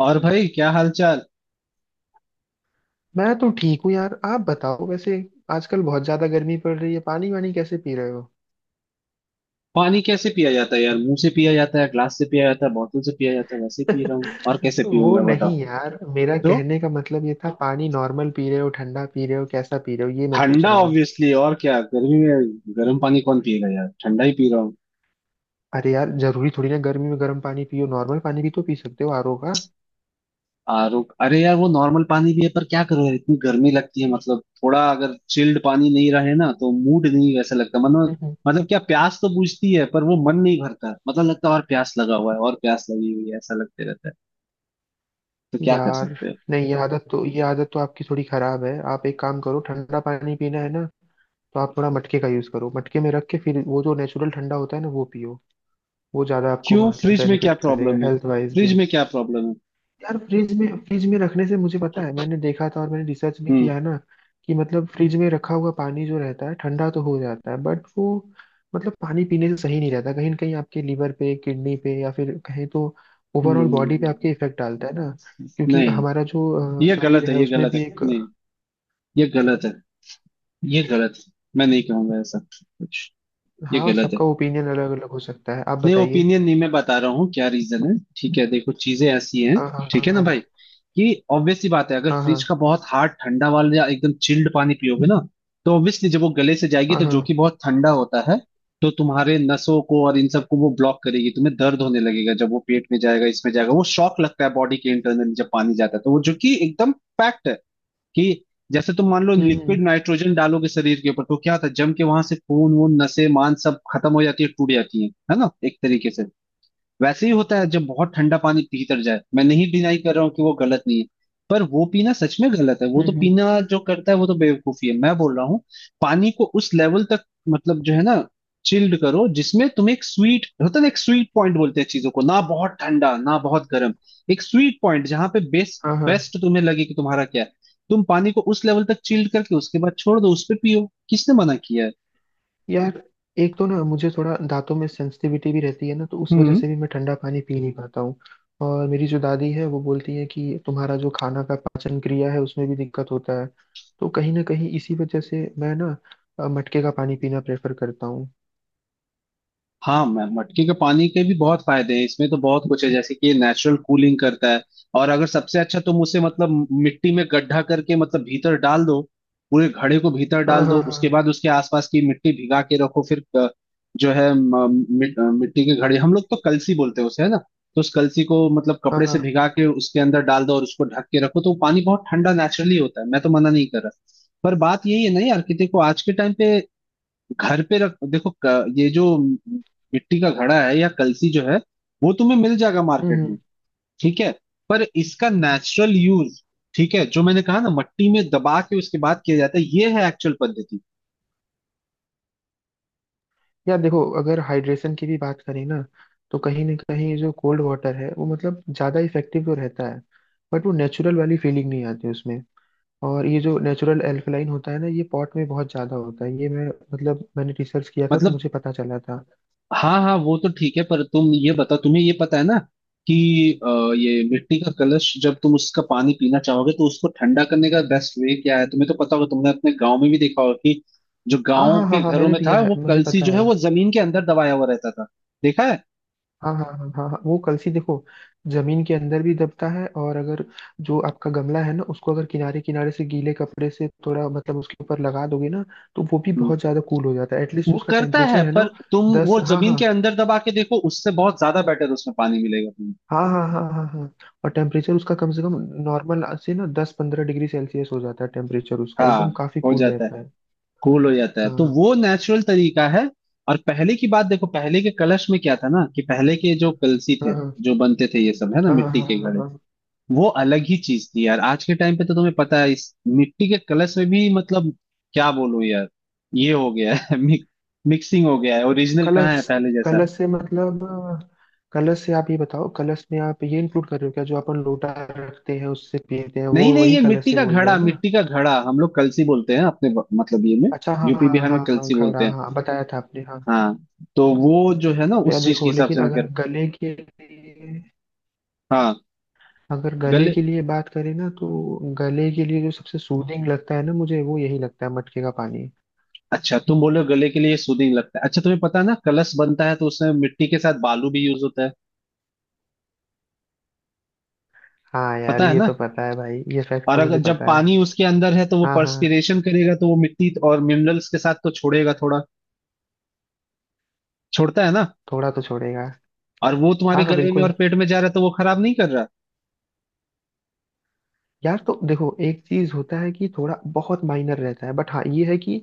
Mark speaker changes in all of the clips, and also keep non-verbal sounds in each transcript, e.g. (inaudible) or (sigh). Speaker 1: और भाई क्या हाल चाल।
Speaker 2: मैं तो ठीक हूँ यार। आप बताओ, वैसे आजकल बहुत ज्यादा गर्मी पड़ रही है, पानी वानी कैसे पी रहे हो?
Speaker 1: पानी कैसे पिया जाता है यार, मुंह से पिया जाता है, ग्लास से पिया जाता है, बोतल से पिया जाता है। वैसे पी रहा हूँ, और
Speaker 2: (laughs)
Speaker 1: कैसे
Speaker 2: वो
Speaker 1: पीऊंगा
Speaker 2: नहीं
Speaker 1: बताओ।
Speaker 2: यार, मेरा
Speaker 1: तो
Speaker 2: कहने का मतलब ये था, पानी नॉर्मल पी रहे हो, ठंडा पी रहे हो, कैसा पी रहे हो, ये मैं पूछ
Speaker 1: ठंडा
Speaker 2: रहा हूँ।
Speaker 1: ऑब्वियसली, और क्या गर्मी में। गर्म पानी कौन पिएगा यार, ठंडा ही पी रहा हूँ।
Speaker 2: अरे यार, जरूरी थोड़ी ना गर्मी में गर्म पानी पियो, नॉर्मल पानी भी तो पी सकते हो, आरओ का।
Speaker 1: आरो, अरे यार वो नॉर्मल पानी भी है, पर क्या करो यार इतनी गर्मी लगती है, मतलब थोड़ा अगर चिल्ड पानी नहीं रहे ना तो मूड नहीं वैसा लगता, मतलब।
Speaker 2: हम्म।
Speaker 1: मतलब क्या, प्यास तो बुझती है पर वो मन नहीं भरता, मतलब लगता है और प्यास लगा हुआ है और प्यास लगी हुई है, ऐसा लगते रहता है। तो क्या कर
Speaker 2: यार
Speaker 1: सकते हैं।
Speaker 2: नहीं ये आदत तो आपकी थोड़ी खराब है। आप एक काम करो, ठंडा पानी पीना है ना, तो आप थोड़ा मटके का यूज करो, मटके में रख के फिर वो जो नेचुरल ठंडा होता है ना, वो पियो। वो ज्यादा आपको
Speaker 1: क्यों,
Speaker 2: मतलब
Speaker 1: फ्रिज में क्या
Speaker 2: बेनिफिट करेगा
Speaker 1: प्रॉब्लम है।
Speaker 2: Health wise.
Speaker 1: फ्रिज में क्या प्रॉब्लम है।
Speaker 2: यार फ्रिज में रखने से मुझे पता है, मैंने देखा था और मैंने रिसर्च भी
Speaker 1: हम्म
Speaker 2: किया है ना, कि मतलब फ्रिज में रखा हुआ पानी जो रहता है, ठंडा तो हो जाता है, बट वो मतलब पानी पीने से सही नहीं रहता। कहीं ना कहीं आपके लीवर पे, किडनी पे, या फिर कहीं तो ओवरऑल बॉडी पे
Speaker 1: हम्म,
Speaker 2: आपके इफेक्ट डालता है ना। क्योंकि
Speaker 1: नहीं।
Speaker 2: हमारा जो
Speaker 1: ये
Speaker 2: शरीर
Speaker 1: गलत है
Speaker 2: है
Speaker 1: ये
Speaker 2: उसमें
Speaker 1: गलत है,
Speaker 2: भी एक।
Speaker 1: नहीं। ये गलत है। ये गलत है, मैं नहीं कहूंगा ऐसा कुछ। ये
Speaker 2: हाँ,
Speaker 1: गलत है।
Speaker 2: सबका ओपिनियन अलग अलग हो सकता है, आप
Speaker 1: नहीं
Speaker 2: बताइए।
Speaker 1: ओपिनियन नहीं, मैं बता रहा हूँ क्या रीजन है। ठीक है, देखो चीजें ऐसी हैं।
Speaker 2: हाँ हाँ हाँ
Speaker 1: ठीक है ना
Speaker 2: हाँ।
Speaker 1: भाई। कि ऑब्वियसली बात है, अगर
Speaker 2: हाँ हाँ
Speaker 1: फ्रिज का बहुत हार्ड ठंडा वाला या एकदम चिल्ड पानी पियोगे ना, तो ऑब्वियसली जब वो गले से जाएगी,
Speaker 2: हाँ
Speaker 1: तो जो कि
Speaker 2: हाँ।
Speaker 1: बहुत ठंडा होता है, तो तुम्हारे नसों को और इन सबको वो ब्लॉक करेगी, तुम्हें दर्द होने लगेगा। जब वो पेट में जाएगा, इसमें जाएगा, वो शॉक लगता है बॉडी के इंटरनल। जब पानी जाता है तो वो जो कि एकदम फैक्ट है कि जैसे तुम मान लो
Speaker 2: हम्म
Speaker 1: लिक्विड नाइट्रोजन डालोगे शरीर के ऊपर तो क्या होता है, जम के वहां से खून वून नसें मांस सब खत्म हो जाती है, टूट जाती है ना, एक तरीके से। वैसे ही होता है जब बहुत ठंडा पानी भीतर जाए। मैं नहीं डिनाई कर रहा हूँ कि वो गलत नहीं है, पर वो पीना सच में गलत है। वो
Speaker 2: हम्म
Speaker 1: तो
Speaker 2: हम्म,
Speaker 1: पीना जो करता है वो तो बेवकूफी है, मैं बोल रहा हूँ। पानी को उस लेवल तक, मतलब जो है ना, चिल्ड करो जिसमें, तुम एक स्वीट होता है ना, एक स्वीट पॉइंट बोलते हैं चीजों को ना, बहुत ठंडा ना बहुत गर्म, एक स्वीट पॉइंट जहां पे बेस्ट
Speaker 2: हाँ हाँ।
Speaker 1: बेस्ट तुम्हें लगे कि तुम्हारा क्या है। तुम पानी को उस लेवल तक चिल्ड करके उसके बाद छोड़ दो, उस पे पियो, किसने मना किया है।
Speaker 2: यार एक तो ना मुझे थोड़ा दांतों में सेंसिटिविटी भी रहती है ना, तो उस वजह
Speaker 1: हम्म।
Speaker 2: से भी मैं ठंडा पानी पी नहीं पाता हूँ। और मेरी जो दादी है वो बोलती है कि तुम्हारा जो खाना का पाचन क्रिया है उसमें भी दिक्कत होता है। तो कहीं ना कहीं इसी वजह से मैं ना मटके का पानी पीना प्रेफर करता हूँ।
Speaker 1: हाँ मैं मटके के पानी के भी बहुत फायदे हैं इसमें, तो बहुत कुछ है जैसे कि ये नेचुरल कूलिंग करता है। और अगर सबसे अच्छा, तुम उसे मतलब मिट्टी में गड्ढा करके मतलब भीतर डाल दो, पूरे घड़े को भीतर
Speaker 2: हाँ
Speaker 1: डाल दो,
Speaker 2: हाँ हाँ
Speaker 1: उसके बाद उसके आसपास की मिट्टी भिगा के रखो। फिर जो है मिट्टी के घड़े हम लोग तो कलसी बोलते हैं उसे, है ना। तो उस कलसी को मतलब
Speaker 2: हाँ
Speaker 1: कपड़े से
Speaker 2: हाँ।
Speaker 1: भिगा के उसके अंदर डाल दो और उसको ढक के रखो, तो वो पानी बहुत ठंडा नेचुरली होता है, मैं तो मना नहीं कर रहा। पर बात यही है ना यार, कि देखो आज के टाइम पे घर पे रख देखो, ये जो मिट्टी का घड़ा है या कलसी जो है, वो तुम्हें मिल जाएगा
Speaker 2: हम्म
Speaker 1: मार्केट में।
Speaker 2: हम्म।
Speaker 1: ठीक है। पर इसका नेचुरल यूज, ठीक है, जो मैंने कहा ना मट्टी में दबा के उसके बाद किया जाता है, ये है एक्चुअल पद्धति।
Speaker 2: यार देखो, अगर हाइड्रेशन की भी बात करें ना, तो कहीं ना कहीं जो कोल्ड वाटर है वो मतलब ज़्यादा इफेक्टिव तो रहता है, बट वो नेचुरल वाली फीलिंग नहीं आती उसमें। और ये जो नेचुरल एल्कलाइन होता है ना, ये पॉट में बहुत ज्यादा होता है। ये मैं मतलब मैंने रिसर्च किया था तो
Speaker 1: मतलब
Speaker 2: मुझे पता चला था।
Speaker 1: हाँ हाँ वो तो ठीक है, पर तुम ये बताओ, तुम्हें ये पता है ना कि अ, ये मिट्टी का कलश, जब तुम उसका पानी पीना चाहोगे तो उसको ठंडा करने का बेस्ट वे क्या है, तुम्हें तो पता होगा। तुमने अपने गांव में भी देखा होगा कि जो
Speaker 2: हाँ
Speaker 1: गांव
Speaker 2: हाँ हाँ
Speaker 1: के
Speaker 2: हाँ,
Speaker 1: घरों
Speaker 2: मैंने
Speaker 1: में था,
Speaker 2: पिया है,
Speaker 1: वो
Speaker 2: मुझे
Speaker 1: कलसी
Speaker 2: पता
Speaker 1: जो है
Speaker 2: है।
Speaker 1: वो जमीन के अंदर दबाया हुआ रहता था। देखा है।
Speaker 2: हाँ हाँ हाँ हाँ हाँ, वो कलसी देखो, जमीन के अंदर भी दबता है। और अगर जो आपका गमला है ना, उसको अगर किनारे किनारे से गीले कपड़े से थोड़ा मतलब उसके ऊपर लगा दोगे ना, तो वो भी
Speaker 1: हम्म,
Speaker 2: बहुत ज्यादा कूल हो जाता है, एटलीस्ट
Speaker 1: वो
Speaker 2: उसका
Speaker 1: करता है,
Speaker 2: टेम्परेचर है
Speaker 1: पर
Speaker 2: ना।
Speaker 1: तुम
Speaker 2: दस,
Speaker 1: वो
Speaker 2: हाँ
Speaker 1: जमीन
Speaker 2: हाँ।
Speaker 1: के अंदर दबा के देखो, उससे बहुत ज्यादा बेटर उसमें पानी मिलेगा तुम्हें।
Speaker 2: हाँ हाँ हाँ हाँ हाँ। और टेम्परेचर उसका कम से कम नॉर्मल से ना 10-15 डिग्री सेल्सियस हो जाता है, टेम्परेचर उसका एकदम
Speaker 1: हाँ,
Speaker 2: काफी
Speaker 1: हो
Speaker 2: कूल
Speaker 1: जाता है,
Speaker 2: रहता है।
Speaker 1: कूल हो जाता है, तो
Speaker 2: हाँ
Speaker 1: वो नेचुरल तरीका है। और पहले की बात देखो, पहले के कलश में क्या था ना, कि पहले के जो कलसी थे,
Speaker 2: हाँ हाँ
Speaker 1: जो बनते थे ये सब, है ना
Speaker 2: हाँ हाँ।
Speaker 1: मिट्टी
Speaker 2: हाँ,
Speaker 1: के
Speaker 2: हाँ।
Speaker 1: घड़े,
Speaker 2: हाँ।
Speaker 1: वो अलग ही चीज थी यार। आज के टाइम पे तो तुम्हें पता है, इस मिट्टी के कलश में भी, मतलब क्या बोलूं यार, ये हो गया है (laughs) मिक्सिंग हो गया है, ओरिजिनल कहाँ है
Speaker 2: कलश,
Speaker 1: पहले जैसा।
Speaker 2: कलश से मतलब, कलश से आप ये बताओ, कलश में आप ये इंक्लूड कर रहे हो क्या, जो अपन लोटा रखते हैं उससे पीते हैं, वो
Speaker 1: नहीं नहीं,
Speaker 2: वही
Speaker 1: ये
Speaker 2: कलश
Speaker 1: मिट्टी
Speaker 2: से
Speaker 1: का
Speaker 2: बोल रहे
Speaker 1: घड़ा,
Speaker 2: हो ना?
Speaker 1: मिट्टी का घड़ा हम लोग कलसी बोलते हैं, अपने मतलब ये में,
Speaker 2: अच्छा हाँ
Speaker 1: यूपी
Speaker 2: हाँ
Speaker 1: बिहार
Speaker 2: हाँ
Speaker 1: में
Speaker 2: हाँ,
Speaker 1: कलसी बोलते
Speaker 2: घड़ा,
Speaker 1: हैं।
Speaker 2: हाँ बताया था आपने, हाँ।
Speaker 1: हाँ, तो वो जो है ना,
Speaker 2: तो यार
Speaker 1: उस चीज के
Speaker 2: देखो,
Speaker 1: हिसाब
Speaker 2: लेकिन
Speaker 1: से मैं
Speaker 2: अगर
Speaker 1: कर।
Speaker 2: गले के लिए,
Speaker 1: हाँ,
Speaker 2: अगर गले
Speaker 1: गले,
Speaker 2: के लिए बात करें ना, तो गले के लिए जो सबसे सूदिंग लगता है ना मुझे, वो यही लगता है, मटके का पानी।
Speaker 1: अच्छा तुम बोलो गले के लिए सूदिंग लगता है। अच्छा तुम्हें पता है ना, कलश बनता है तो उसमें मिट्टी के साथ बालू भी यूज होता है,
Speaker 2: हाँ यार
Speaker 1: पता है
Speaker 2: ये
Speaker 1: ना।
Speaker 2: तो पता है भाई, ये फैक्ट
Speaker 1: और
Speaker 2: तो
Speaker 1: अगर
Speaker 2: मुझे
Speaker 1: जब
Speaker 2: पता है।
Speaker 1: पानी उसके अंदर है, तो वो
Speaker 2: हाँ हाँ,
Speaker 1: पर्सपिरेशन करेगा, तो वो मिट्टी और मिनरल्स के साथ तो छोड़ेगा थोड़ा, छोड़ता है ना।
Speaker 2: थोड़ा तो छोड़ेगा।
Speaker 1: और वो तुम्हारे
Speaker 2: हाँ हाँ
Speaker 1: गले में और
Speaker 2: बिल्कुल।
Speaker 1: पेट में जा रहा है, तो वो खराब नहीं कर रहा।
Speaker 2: यार तो देखो एक चीज होता है कि थोड़ा बहुत माइनर रहता है, बट हाँ, ये है कि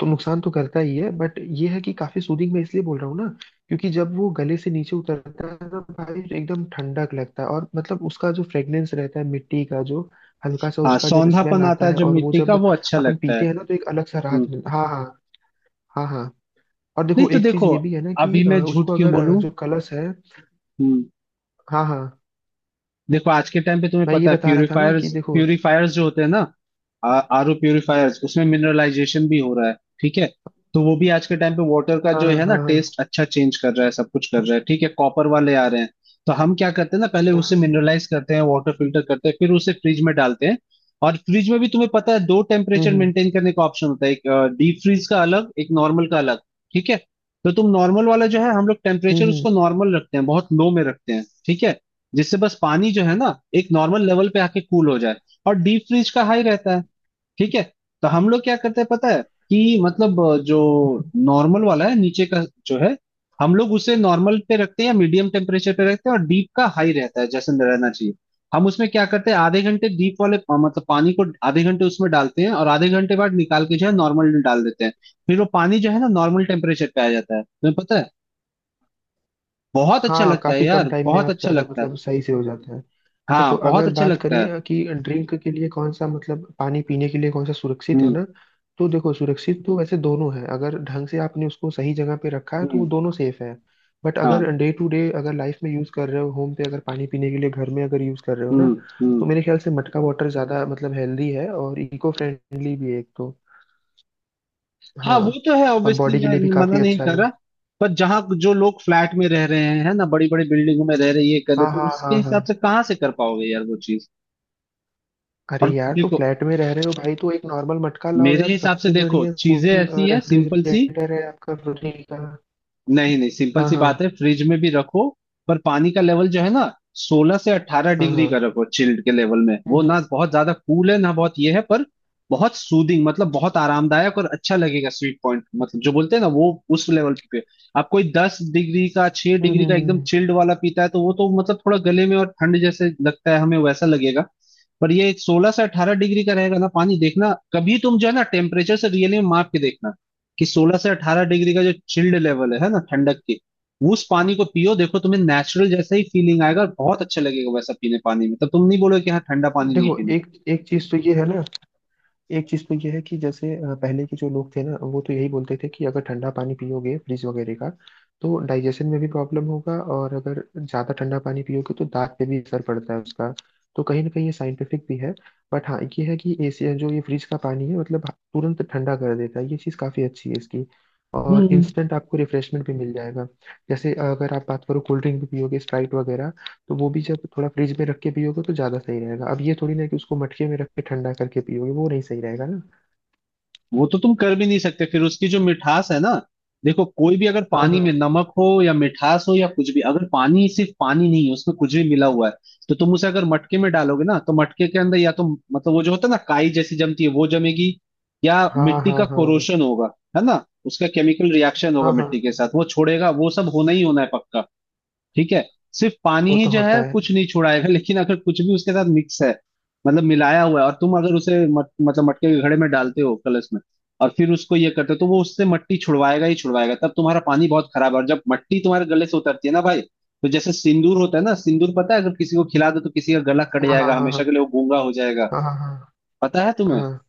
Speaker 2: तो नुकसान तो करता ही है, बट ये है कि काफी सूदिंग मैं इसलिए बोल रहा हूँ ना, क्योंकि जब वो गले से नीचे उतरता है ना भाई, तो एकदम ठंडक लगता है। और मतलब उसका जो फ्रेग्रेंस रहता है मिट्टी का, जो हल्का सा
Speaker 1: हाँ
Speaker 2: उसका जब स्मेल
Speaker 1: सौंधापन आता
Speaker 2: आता
Speaker 1: है
Speaker 2: है,
Speaker 1: जो
Speaker 2: और वो
Speaker 1: मिट्टी का
Speaker 2: जब
Speaker 1: वो अच्छा
Speaker 2: अपन
Speaker 1: लगता है।
Speaker 2: पीते हैं ना, तो एक अलग सा
Speaker 1: हम्म।
Speaker 2: राहत मिलता है। हाँ हाँ हाँ हाँ। और
Speaker 1: नहीं
Speaker 2: देखो,
Speaker 1: तो
Speaker 2: एक चीज
Speaker 1: देखो,
Speaker 2: ये भी है ना कि
Speaker 1: अभी मैं झूठ
Speaker 2: उसको
Speaker 1: क्यों
Speaker 2: अगर
Speaker 1: बोलूं।
Speaker 2: जो कलश है।
Speaker 1: हम्म।
Speaker 2: हाँ हाँ,
Speaker 1: देखो आज के टाइम पे तुम्हें
Speaker 2: मैं ये
Speaker 1: पता है,
Speaker 2: बता रहा था ना कि
Speaker 1: प्यूरिफायर्स
Speaker 2: देखो।
Speaker 1: प्यूरिफायर्स जो होते हैं ना, आर ओ प्यूरिफायर्स, उसमें मिनरलाइजेशन भी हो रहा है, ठीक है। तो वो भी आज के टाइम पे वाटर का
Speaker 2: हाँ
Speaker 1: जो
Speaker 2: हाँ
Speaker 1: है ना
Speaker 2: हाँ
Speaker 1: टेस्ट अच्छा चेंज कर रहा है, सब कुछ कर रहा है। ठीक है, कॉपर वाले आ रहे हैं। तो हम क्या करते हैं ना, पहले उसे
Speaker 2: हाँ।
Speaker 1: मिनरलाइज करते हैं, वाटर फिल्टर करते हैं, फिर उसे फ्रिज में डालते हैं। और फ्रिज में भी तुम्हें पता है, दो
Speaker 2: हम्म
Speaker 1: टेम्परेचर
Speaker 2: हम्म
Speaker 1: मेंटेन करने का ऑप्शन होता है, एक डीप फ्रीज का अलग, एक नॉर्मल का अलग। ठीक है। तो तुम नॉर्मल वाला जो है, हम लोग
Speaker 2: हम्म
Speaker 1: टेम्परेचर उसको
Speaker 2: हम्म।
Speaker 1: नॉर्मल रखते हैं, बहुत लो में रखते हैं, ठीक है। जिससे बस पानी जो है ना, एक नॉर्मल लेवल पे आके कूल हो जाए। और डीप फ्रीज का हाई रहता है, ठीक है। तो हम लोग क्या करते हैं पता है, कि मतलब जो नॉर्मल वाला है नीचे का जो है, हम लोग उसे नॉर्मल पे रखते हैं या मीडियम टेम्परेचर पे रखते हैं, और डीप का हाई रहता है जैसे रहना चाहिए। हम उसमें क्या करते हैं, आधे घंटे डीप वाले मतलब पानी को आधे घंटे उसमें डालते हैं, और आधे घंटे बाद निकाल के जो है नॉर्मल में डाल देते हैं। फिर वो पानी जो है ना नॉर्मल टेम्परेचर पे आ जाता है, तुम्हें पता है बहुत अच्छा
Speaker 2: हाँ,
Speaker 1: लगता है
Speaker 2: काफी कम
Speaker 1: यार,
Speaker 2: टाइम में
Speaker 1: बहुत
Speaker 2: आप
Speaker 1: अच्छा
Speaker 2: ज्यादा
Speaker 1: लगता है।
Speaker 2: मतलब सही से हो जाता है। देखो
Speaker 1: हाँ बहुत
Speaker 2: अगर
Speaker 1: अच्छा
Speaker 2: बात
Speaker 1: लगता
Speaker 2: करें
Speaker 1: है।
Speaker 2: कि ड्रिंक के लिए कौन सा मतलब, पानी पीने के लिए कौन सा सुरक्षित है
Speaker 1: हम्म
Speaker 2: ना, तो देखो सुरक्षित तो वैसे दोनों है, अगर ढंग से आपने उसको सही जगह पे रखा है तो वो
Speaker 1: हम्म।
Speaker 2: दोनों सेफ है। बट
Speaker 1: हाँ।
Speaker 2: अगर डे टू डे, अगर लाइफ में यूज कर रहे हो, होम पे अगर पानी पीने के लिए घर में अगर यूज कर रहे हो ना,
Speaker 1: हम्म हम्म।
Speaker 2: तो मेरे ख्याल से मटका वाटर ज्यादा मतलब हेल्दी है, और इको फ्रेंडली भी है एक तो।
Speaker 1: हाँ वो
Speaker 2: हाँ,
Speaker 1: तो है
Speaker 2: और
Speaker 1: ऑब्वियसली,
Speaker 2: बॉडी के
Speaker 1: मैं
Speaker 2: लिए भी
Speaker 1: मना
Speaker 2: काफी
Speaker 1: नहीं
Speaker 2: अच्छा
Speaker 1: कर
Speaker 2: है।
Speaker 1: रहा। पर जहाँ जो लोग फ्लैट में रह रहे हैं है ना, बड़ी बड़ी बिल्डिंगों में रह रहे, ये कर रहे,
Speaker 2: हाँ
Speaker 1: तो
Speaker 2: हाँ
Speaker 1: उसके
Speaker 2: हाँ हाँ।
Speaker 1: हिसाब से कहाँ से कर पाओगे यार वो चीज।
Speaker 2: अरे
Speaker 1: और
Speaker 2: यार, तो
Speaker 1: देखो,
Speaker 2: फ्लैट में रह रहे हो भाई तो एक नॉर्मल मटका लाओ
Speaker 1: मेरे
Speaker 2: यार,
Speaker 1: हिसाब से
Speaker 2: सबसे
Speaker 1: देखो
Speaker 2: बढ़िया
Speaker 1: चीजें
Speaker 2: कूलिंग
Speaker 1: ऐसी है सिंपल सी।
Speaker 2: रेफ्रिजरेटर है, आपका फ्रिज का।
Speaker 1: नहीं नहीं, सिंपल
Speaker 2: हाँ
Speaker 1: सी बात
Speaker 2: हाँ
Speaker 1: है, फ्रिज में भी रखो, पर पानी का लेवल जो है ना, सोलह से अट्ठारह
Speaker 2: हाँ
Speaker 1: डिग्री का
Speaker 2: हाँ।
Speaker 1: रखो, चिल्ड के लेवल में,
Speaker 2: हम्म
Speaker 1: वो
Speaker 2: हम्म
Speaker 1: ना बहुत ज्यादा कूल है ना बहुत ये है, पर बहुत सूदिंग, मतलब बहुत आरामदायक और अच्छा लगेगा। स्वीट पॉइंट मतलब जो बोलते हैं ना वो, उस लेवल पे। आप कोई 10 डिग्री का, छह
Speaker 2: हम्म,
Speaker 1: डिग्री
Speaker 2: हम्म,
Speaker 1: का एकदम
Speaker 2: हम्म।
Speaker 1: चिल्ड वाला पीता है, तो वो तो मतलब थोड़ा गले में, और ठंड जैसे लगता है हमें वैसा लगेगा। पर ये 16 से 18 डिग्री का रहेगा ना पानी, देखना कभी तुम जो है ना टेम्परेचर से रियली में माप के देखना, कि 16 से 18 डिग्री का जो चिल्ड लेवल है ना ठंडक की, उस पानी को पियो देखो, तुम्हें नेचुरल जैसा ही फीलिंग आएगा और बहुत अच्छा लगेगा वैसा पीने पानी में। तब तुम नहीं बोलोगे कि हाँ ठंडा पानी नहीं
Speaker 2: देखो
Speaker 1: पीना।
Speaker 2: एक एक चीज तो ये है ना, एक चीज तो यह है कि जैसे पहले के जो लोग थे ना, वो तो यही बोलते थे कि अगर ठंडा पानी पियोगे फ्रिज वगैरह का, तो डाइजेशन में भी प्रॉब्लम होगा, और अगर ज्यादा ठंडा पानी पियोगे तो दांत पे भी असर पड़ता है उसका। तो कहीं ना कहीं ये साइंटिफिक भी है। बट हाँ ये है कि एसी जो ये फ्रिज का पानी है मतलब तुरंत ठंडा कर देता है, ये चीज काफी अच्छी है इसकी। और
Speaker 1: हम्म।
Speaker 2: इंस्टेंट आपको रिफ्रेशमेंट भी मिल जाएगा। जैसे अगर आप बात करो, कोल्ड ड्रिंक भी पियोगे स्प्राइट वगैरह, तो वो भी जब थोड़ा फ्रिज में रख के पियोगे तो ज्यादा सही रहेगा। अब ये थोड़ी ना कि उसको मटके में रख के ठंडा करके पियोगे, वो नहीं सही रहेगा ना।
Speaker 1: वो तो तुम कर भी नहीं सकते, फिर उसकी जो मिठास है ना। देखो कोई भी अगर
Speaker 2: हाँ
Speaker 1: पानी
Speaker 2: हाँ
Speaker 1: में नमक हो या मिठास हो या कुछ भी, अगर पानी सिर्फ पानी नहीं है, उसमें कुछ भी मिला हुआ है, तो तुम उसे अगर मटके में डालोगे ना, तो मटके के अंदर या तो, मतलब वो जो होता है ना काई जैसी जमती है वो जमेगी, या
Speaker 2: हाँ
Speaker 1: मिट्टी
Speaker 2: हाँ
Speaker 1: का
Speaker 2: हाँ
Speaker 1: कोरोशन होगा, है ना, उसका केमिकल रिएक्शन होगा
Speaker 2: हाँ हाँ,
Speaker 1: मिट्टी के साथ, वो छोड़ेगा, वो सब होना ही होना है पक्का। ठीक है। सिर्फ पानी
Speaker 2: वो
Speaker 1: ही
Speaker 2: तो
Speaker 1: जो
Speaker 2: होता
Speaker 1: है कुछ
Speaker 2: है।
Speaker 1: नहीं छुड़ाएगा, लेकिन अगर कुछ भी उसके साथ मिक्स है, मतलब मिलाया हुआ है, और तुम अगर उसे मतलब मटके के घड़े में डालते हो, कलश में, और फिर उसको ये करते हो, तो वो उससे मट्टी छुड़वाएगा ही छुड़वाएगा, तब तुम्हारा पानी बहुत खराब है। और जब मट्टी तुम्हारे गले से उतरती है ना भाई, तो जैसे सिंदूर होता है ना, सिंदूर पता है, अगर किसी को खिला दो तो किसी का गला कट
Speaker 2: हाँ हाँ
Speaker 1: जाएगा,
Speaker 2: हाँ
Speaker 1: हमेशा
Speaker 2: हाँ
Speaker 1: के लिए वो गूंगा हो जाएगा,
Speaker 2: हाँ हाँ
Speaker 1: पता है
Speaker 2: हाँ।
Speaker 1: तुम्हें।
Speaker 2: हाँ। हाँ।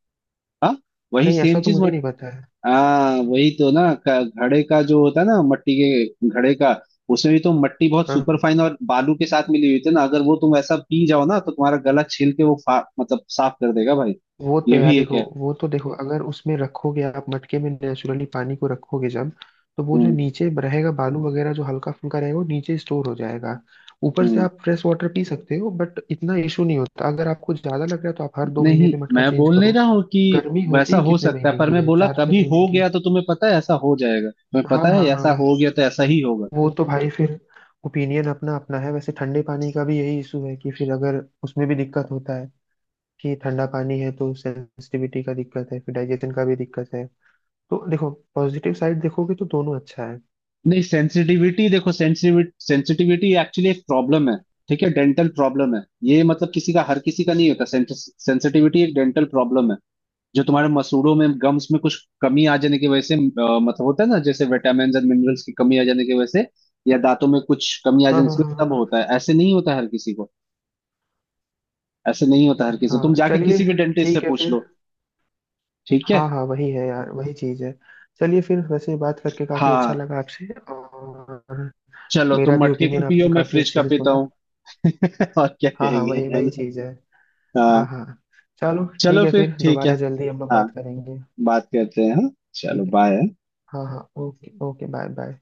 Speaker 1: हाँ वही
Speaker 2: नहीं, ऐसा
Speaker 1: सेम
Speaker 2: तो
Speaker 1: चीज।
Speaker 2: मुझे नहीं पता है।
Speaker 1: हाँ वही तो ना। घड़े का जो होता है ना, मट्टी के घड़े का, उसमें भी तो मट्टी बहुत
Speaker 2: हाँ
Speaker 1: सुपर
Speaker 2: हाँ।
Speaker 1: फाइन और बालू के साथ मिली हुई थी ना, अगर वो तुम ऐसा पी जाओ ना, तो तुम्हारा गला छील के वो मतलब साफ कर देगा भाई।
Speaker 2: वो तो
Speaker 1: ये
Speaker 2: यार
Speaker 1: भी एक
Speaker 2: देखो,
Speaker 1: है।
Speaker 2: वो तो देखो अगर उसमें रखोगे आप मटके में नेचुरली पानी को रखोगे, जब तो वो जो
Speaker 1: हम्म
Speaker 2: नीचे रहेगा बालू वगैरह जो हल्का फुल्का रहेगा वो नीचे स्टोर हो जाएगा। ऊपर से
Speaker 1: हम्म।
Speaker 2: आप फ्रेश वाटर पी सकते हो, बट इतना इशू नहीं होता। अगर आपको ज्यादा लग रहा है तो आप हर 2 महीने
Speaker 1: नहीं
Speaker 2: पे मटका
Speaker 1: मैं
Speaker 2: चेंज
Speaker 1: बोल नहीं
Speaker 2: करो।
Speaker 1: रहा हूँ कि
Speaker 2: गर्मी होती
Speaker 1: वैसा
Speaker 2: ही
Speaker 1: हो
Speaker 2: कितने
Speaker 1: सकता है,
Speaker 2: महीने
Speaker 1: पर
Speaker 2: की
Speaker 1: मैं
Speaker 2: है,
Speaker 1: बोला,
Speaker 2: चार छह
Speaker 1: कभी
Speaker 2: महीने
Speaker 1: हो
Speaker 2: की।
Speaker 1: गया तो, तुम्हें पता है ऐसा हो जाएगा, तुम्हें
Speaker 2: हाँ
Speaker 1: पता है
Speaker 2: हाँ हाँ,
Speaker 1: ऐसा हो गया तो ऐसा ही होगा।
Speaker 2: वो तो भाई फिर ओपिनियन अपना अपना है। वैसे ठंडे पानी का भी यही इशू है कि फिर अगर उसमें भी दिक्कत होता है, कि ठंडा पानी है तो सेंसिटिविटी का दिक्कत है, फिर डाइजेशन का भी दिक्कत है। तो देखो, पॉजिटिव साइड देखोगे तो दोनों अच्छा है।
Speaker 1: नहीं सेंसिटिविटी देखो, सेंसिटिविटी सेंसिटिविटी एक्चुअली एक प्रॉब्लम है, ठीक है, डेंटल प्रॉब्लम है। ये मतलब किसी का, हर किसी का नहीं होता, सेंसिटिविटी एक डेंटल प्रॉब्लम है, जो तुम्हारे मसूड़ों में, गम्स में कुछ कमी आ जाने की वजह से मतलब होता है ना, जैसे विटामिन और मिनरल्स की कमी आ जाने की वजह से, या दांतों में कुछ कमी आ
Speaker 2: हाँ
Speaker 1: जाने
Speaker 2: हाँ
Speaker 1: की वजह
Speaker 2: हाँ
Speaker 1: से तब
Speaker 2: हाँ
Speaker 1: होता है। ऐसे नहीं होता हर किसी को, ऐसे नहीं होता हर किसी, तुम
Speaker 2: हाँ,
Speaker 1: जाके
Speaker 2: चलिए
Speaker 1: किसी भी डेंटिस्ट से
Speaker 2: ठीक है
Speaker 1: पूछ
Speaker 2: फिर।
Speaker 1: लो। ठीक है।
Speaker 2: हाँ हाँ, वही है यार, वही चीज़ है। चलिए फिर, वैसे बात करके काफ़ी अच्छा
Speaker 1: हाँ,
Speaker 2: लगा आपसे। और
Speaker 1: चलो
Speaker 2: मेरा
Speaker 1: तुम
Speaker 2: भी
Speaker 1: मटके
Speaker 2: ओपिनियन
Speaker 1: का
Speaker 2: आपने
Speaker 1: पियो, मैं
Speaker 2: काफ़ी
Speaker 1: फ्रिज
Speaker 2: अच्छे
Speaker 1: का
Speaker 2: से
Speaker 1: पीता
Speaker 2: सुना।
Speaker 1: हूँ। (laughs) और क्या
Speaker 2: हाँ हाँ,
Speaker 1: कहेंगे,
Speaker 2: वही
Speaker 1: है
Speaker 2: वही
Speaker 1: ना।
Speaker 2: चीज़ है। हाँ
Speaker 1: हाँ।
Speaker 2: हाँ, चलो ठीक
Speaker 1: चलो
Speaker 2: है
Speaker 1: फिर
Speaker 2: फिर,
Speaker 1: ठीक है।
Speaker 2: दोबारा जल्दी हम लोग
Speaker 1: हाँ
Speaker 2: बात करेंगे।
Speaker 1: बात करते हैं, हाँ। चलो
Speaker 2: ठीक है,
Speaker 1: बाय।
Speaker 2: हाँ हाँ, ओके ओके, बाय बाय।